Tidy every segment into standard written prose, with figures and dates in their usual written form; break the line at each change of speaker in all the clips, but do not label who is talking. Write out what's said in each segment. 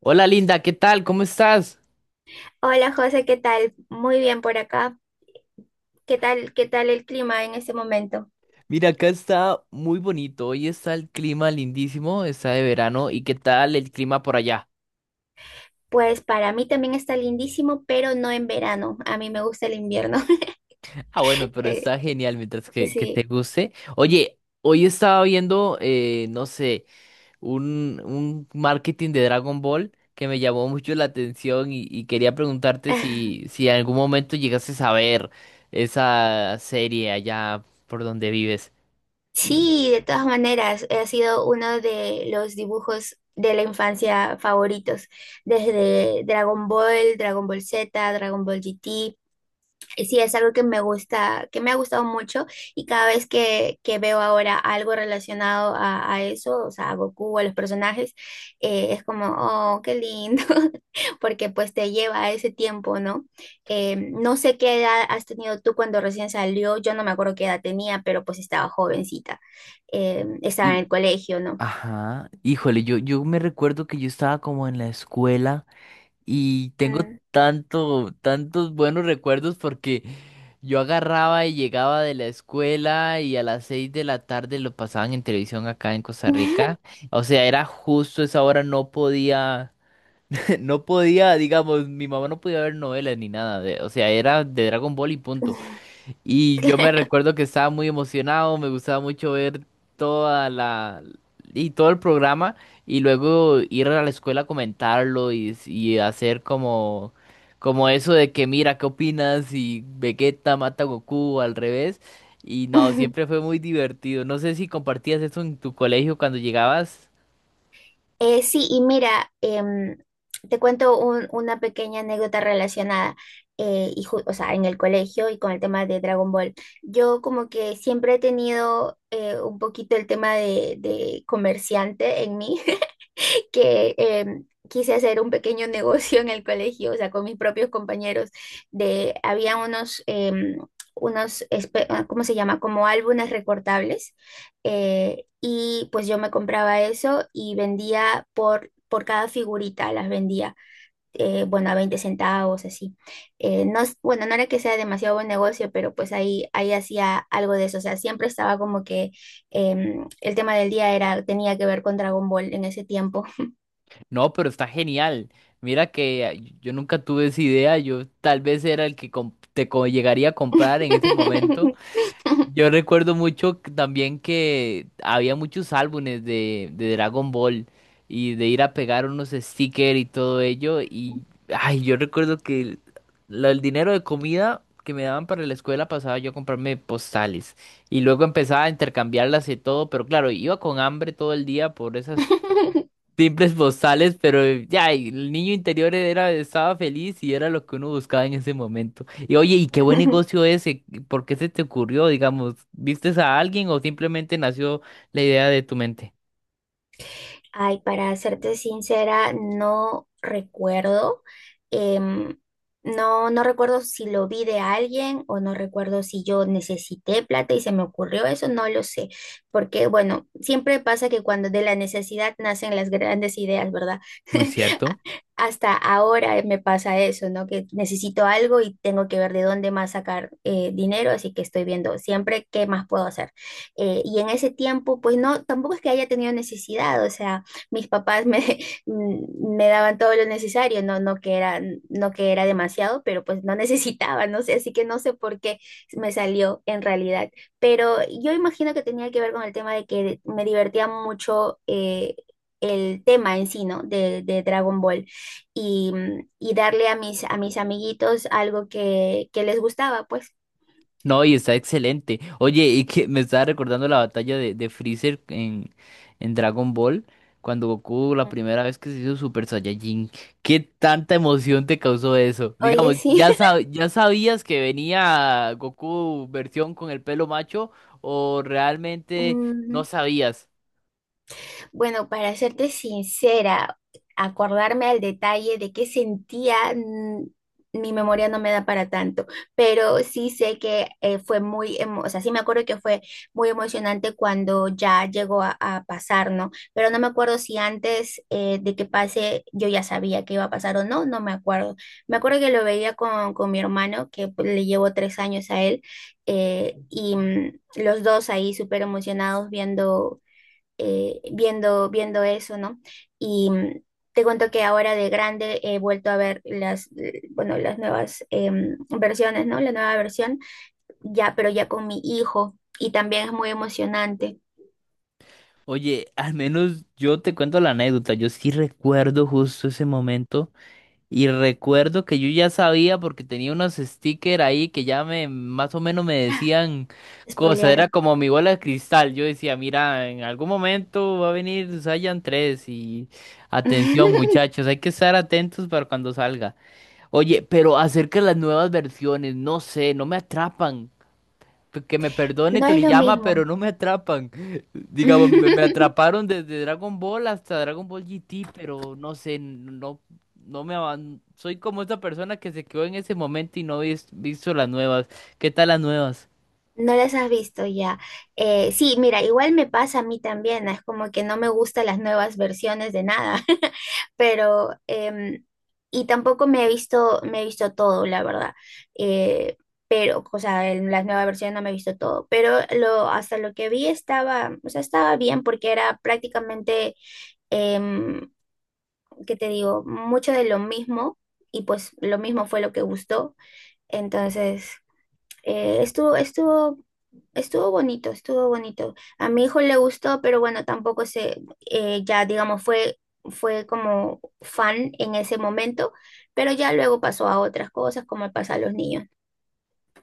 Hola Linda, ¿qué tal? ¿Cómo estás?
Hola José, ¿qué tal? Muy bien por acá. ¿Qué tal el clima en este momento?
Mira, acá está muy bonito. Hoy está el clima lindísimo, está de verano. ¿Y qué tal el clima por allá?
Pues para mí también está lindísimo, pero no en verano. A mí me gusta el invierno.
Ah, bueno, pero está genial mientras
Eh,
que te
sí.
guste. Oye, hoy estaba viendo, no sé, un marketing de Dragon Ball que me llamó mucho la atención y quería preguntarte si en algún momento llegases a ver esa serie allá por donde vives.
Sí, de todas maneras, ha sido uno de los dibujos de la infancia favoritos, desde Dragon Ball, Dragon Ball Z, Dragon Ball GT. Sí, es algo que me gusta, que me ha gustado mucho y cada vez que veo ahora algo relacionado a eso, o sea, a Goku, a los personajes, es como, oh, qué lindo, porque pues te lleva a ese tiempo, ¿no? No sé qué edad has tenido tú cuando recién salió, yo no me acuerdo qué edad tenía, pero pues estaba jovencita, estaba en el colegio, ¿no?
Ajá, híjole, yo me recuerdo que yo estaba como en la escuela y tengo tantos buenos recuerdos porque yo agarraba y llegaba de la escuela y a las seis de la tarde lo pasaban en televisión acá en Costa
Mm,
Rica. O sea, era justo esa hora, no podía, no podía, digamos, mi mamá no podía ver novelas ni nada o sea, era de Dragon Ball y punto. Y yo me
claro.
recuerdo que estaba muy emocionado, me gustaba mucho ver toda la y todo el programa y luego ir a la escuela a comentarlo y hacer como como eso de que mira, ¿qué opinas? Y Vegeta mata a Goku al revés. Y no, siempre fue muy divertido. No sé si compartías eso en tu colegio cuando llegabas.
Sí, y mira, te cuento una pequeña anécdota relacionada, y o sea, en el colegio y con el tema de Dragon Ball. Yo como que siempre he tenido un poquito el tema de comerciante en mí, que quise hacer un pequeño negocio en el colegio, o sea, con mis propios compañeros, había unos, ah, ¿cómo se llama? Como álbumes recortables, y pues yo me compraba eso y vendía por cada figurita, las vendía, bueno, a 20 centavos, así. No, bueno, no era que sea demasiado buen negocio, pero pues ahí hacía algo de eso, o sea, siempre estaba como que el tema del día era, tenía que ver con Dragon Ball en ese tiempo.
No, pero está genial. Mira que ah, yo nunca tuve esa idea. Yo tal vez era el que llegaría a comprar en ese momento. Yo recuerdo mucho también que había muchos álbumes de Dragon Ball y de ir a pegar unos stickers y todo ello. Y ay, yo recuerdo que el dinero de comida que me daban para la escuela pasaba yo a comprarme postales. Y luego empezaba a intercambiarlas y todo, pero claro, iba con hambre todo el día por esas simples postales, pero ya, el niño interior era, estaba feliz y era lo que uno buscaba en ese momento. Y oye, ¿y qué buen negocio ese? ¿Por qué se te ocurrió, digamos? ¿Vistes a alguien o simplemente nació la idea de tu mente?
Ay, para serte sincera, no recuerdo. em, no recuerdo si lo vi de alguien o no recuerdo si yo necesité plata y se me ocurrió eso, no lo sé. Porque, bueno, siempre pasa que cuando de la necesidad nacen las grandes ideas, ¿verdad?
Muy cierto.
Hasta ahora me pasa eso, ¿no? Que necesito algo y tengo que ver de dónde más sacar dinero, así que estoy viendo siempre qué más puedo hacer. Y en ese tiempo, pues no, tampoco es que haya tenido necesidad, o sea, mis papás me daban todo lo necesario, no, no que era demasiado, pero pues no necesitaba, no sé, así que no sé por qué me salió en realidad. Pero yo imagino que tenía que ver con el tema de que me divertía mucho. El tema en sí, ¿no? De Dragon Ball y darle a mis amiguitos algo que les gustaba, pues.
No, y está excelente. Oye, y que me estaba recordando la batalla de Freezer en Dragon Ball, cuando Goku la
Ujú.
primera vez que se hizo Super Saiyajin. ¿Qué tanta emoción te causó eso?
Oye,
Digamos,
sí.
ya sabías que venía Goku versión con el pelo macho o realmente no
Mm,
sabías.
Bueno, para serte sincera, acordarme al detalle de qué sentía, mi memoria no me da para tanto, pero sí sé que o sea, sí me acuerdo que fue muy emocionante cuando ya llegó a pasar, ¿no? Pero no me acuerdo si antes de que pase yo ya sabía que iba a pasar o no, no me acuerdo. Me acuerdo que lo veía con mi hermano, que pues, le llevo 3 años a él, y los dos ahí súper emocionados viendo eso, ¿no? Y te cuento que ahora de grande he vuelto a ver bueno, las nuevas versiones, ¿no? La nueva versión, ya, pero ya con mi hijo, y también es muy emocionante.
Oye, al menos yo te cuento la anécdota. Yo sí recuerdo justo ese momento. Y recuerdo que yo ya sabía porque tenía unos stickers ahí que ya me más o menos me decían cosas. Era
Spoilearon.
como mi bola de cristal. Yo decía, mira, en algún momento va a venir Saiyan 3 y atención muchachos, hay que estar atentos para cuando salga. Oye, pero acerca de las nuevas versiones, no sé, no me atrapan. Que me perdone
No es lo
Toriyama, pero
mismo.
no me atrapan. Digamos, me atraparon desde Dragon Ball hasta Dragon Ball GT, pero no sé, no, soy como esa persona que se quedó en ese momento y no vis- visto las nuevas. ¿Qué tal las nuevas?
No las has visto ya. Sí, mira, igual me pasa a mí también, ¿no? Es como que no me gustan las nuevas versiones de nada, pero y tampoco me he visto todo, la verdad. Eh, pero, o sea, en las nuevas versiones no me he visto todo, pero hasta lo que vi o sea, estaba bien porque era prácticamente, em, ¿qué te digo? Mucho de lo mismo y pues lo mismo fue lo que gustó. Entonces, eh, estuvo, estuvo, estuvo bonito, estuvo bonito. A mi hijo le gustó, pero bueno, tampoco se, ya digamos, fue como fan en ese momento, pero ya luego pasó a otras cosas, como pasa a los niños.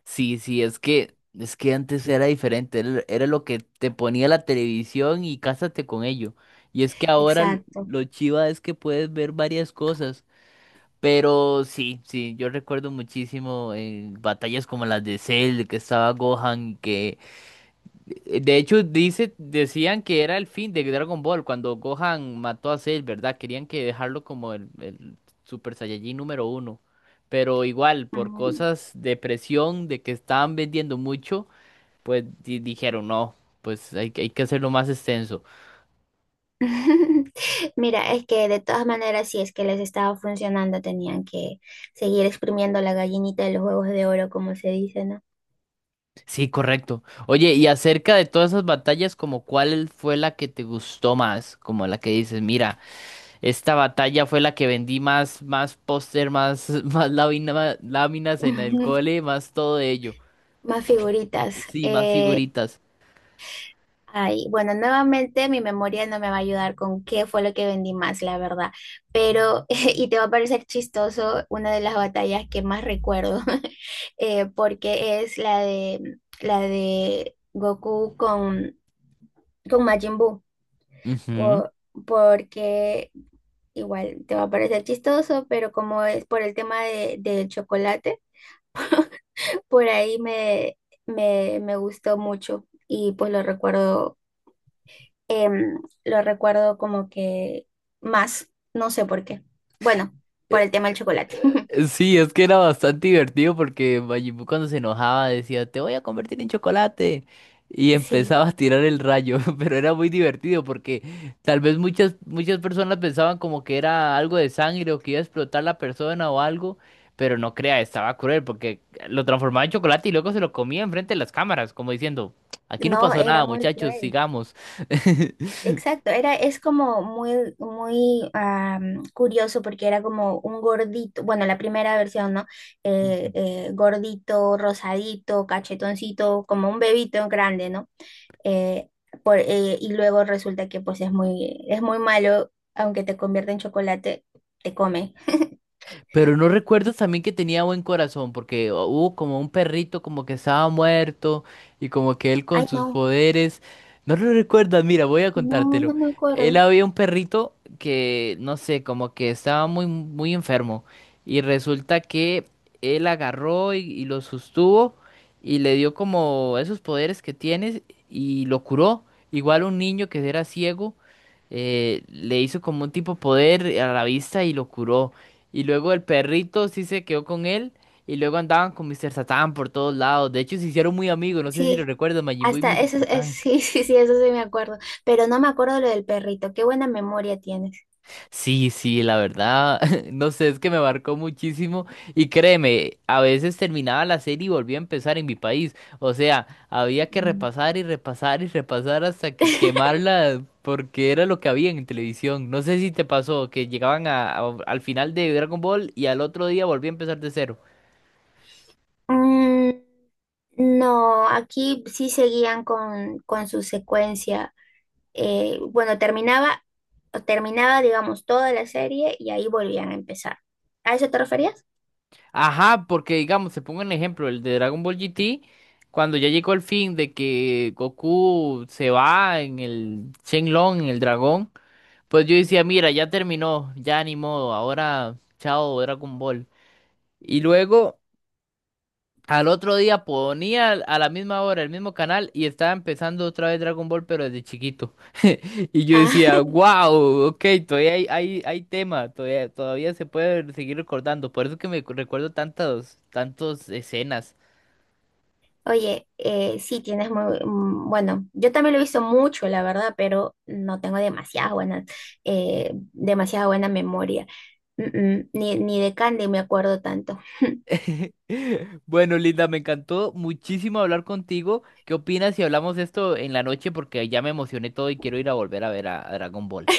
Sí, sí, es que antes era diferente, era lo que te ponía la televisión y cásate con ello. Y es que ahora
Exacto.
lo chiva es que puedes ver varias cosas. Pero sí, sí, yo recuerdo muchísimo batallas como las de Cell, que estaba Gohan, que de hecho decían que era el fin de Dragon Ball cuando Gohan mató a Cell, ¿verdad? Querían que dejarlo como el Super Saiyajin número uno. Pero igual, por
Mm.
cosas de presión, de que estaban vendiendo mucho, pues dijeron no, pues hay que hacerlo más extenso.
Mira, es que de todas maneras, si es que les estaba funcionando, tenían que seguir exprimiendo la gallinita de los huevos de oro, como se dice, ¿no?
Sí, correcto. Oye, y acerca de todas esas batallas, como cuál fue la que te gustó más, como la que dices, mira, esta batalla fue la que vendí más, más póster, más, más láminas en el cole, más todo ello.
Más figuritas.
Sí, más
Eh,
figuritas.
Ay, bueno, nuevamente mi memoria no me va a ayudar con qué fue lo que vendí más, la verdad. Pero, y te va a parecer chistoso, una de las batallas que más recuerdo, porque es la de Goku con Majin Buu.
Ujú.
Por- porque igual te va a parecer chistoso, pero como es por el tema del chocolate, por ahí me gustó mucho y pues lo recuerdo lo recuerdo como que más, no sé por qué. Bueno, por el tema del chocolate.
Sí, es que era bastante divertido porque Majin Buu cuando se enojaba decía, te voy a convertir en chocolate. Y
Sí,
empezaba a tirar el rayo, pero era muy divertido porque tal vez muchas personas pensaban como que era algo de sangre o que iba a explotar la persona o algo, pero no crea, estaba cruel porque lo transformaba en chocolate y luego se lo comía enfrente de las cámaras, como diciendo, aquí no
no,
pasó
era
nada,
muy
muchachos,
cruel.
sigamos.
Exacto, es como muy, muy curioso porque era como un gordito, bueno, la primera versión, ¿no? Eh, eh, gordito, rosadito, cachetoncito, como un bebito grande, ¿no? Eh, y luego resulta que pues es muy malo, aunque te convierte en chocolate, te come.
Pero no recuerdo también que tenía buen corazón, porque hubo como un perrito como que estaba muerto y como que él con
Ay,
sus
no.
poderes. No lo recuerdas, mira, voy a
No,
contártelo.
no me
Él
acuerdo.
había un perrito que, no sé, como que estaba muy enfermo. Y resulta que él agarró y lo sostuvo y le dio como esos poderes que tienes y lo curó. Igual un niño que era ciego, le hizo como un tipo poder a la vista y lo curó. Y luego el perrito sí se quedó con él. Y luego andaban con Mr. Satan por todos lados. De hecho, se hicieron muy amigos. No sé si lo
Sí,
recuerdas, Majin Buu y
hasta
Mr.
eso,
Satan.
sí, sí, sí, eso sí me acuerdo. Pero no me acuerdo lo del perrito. Qué buena memoria tienes.
Sí, sí, la verdad. No sé, es que me marcó muchísimo. Y créeme, a veces terminaba la serie y volvía a empezar en mi país. O sea, había que
Mm.
repasar y repasar y repasar hasta que quemarla. Porque era lo que había en televisión. No sé si te pasó que llegaban al final de Dragon Ball y al otro día volvía a empezar de cero.
Mm, no, aquí sí seguían con su secuencia. Bueno, terminaba, digamos, toda la serie y ahí volvían a empezar. ¿A eso te referías?
Ajá, porque digamos, se pongo un ejemplo, el de Dragon Ball GT, cuando ya llegó el fin de que Goku se va en el Shenlong, en el dragón, pues yo decía, mira, ya terminó, ya ni modo, ahora chao Dragon Ball. Y luego al otro día ponía a la misma hora el mismo canal y estaba empezando otra vez Dragon Ball, pero desde chiquito. Y yo
Ah,
decía, wow, ok, todavía hay tema, todavía se puede seguir recordando. Por eso que recuerdo tantas escenas.
Oye, sí, tienes bueno, yo también lo he visto mucho, la verdad, pero no tengo demasiada buena memoria. Ni de Candy me acuerdo tanto.
Bueno, Linda, me encantó muchísimo hablar contigo. ¿Qué opinas si hablamos esto en la noche? Porque ya me emocioné todo y quiero ir a volver a ver a Dragon Ball.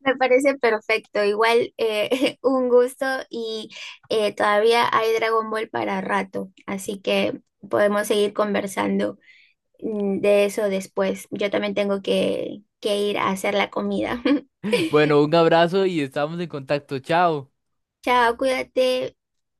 Me parece perfecto, igual un gusto y todavía hay Dragon Ball para rato, así que podemos seguir conversando de eso después. Yo también tengo que ir a hacer la comida.
Bueno, un abrazo y estamos en contacto. Chao.
Chao, cuídate.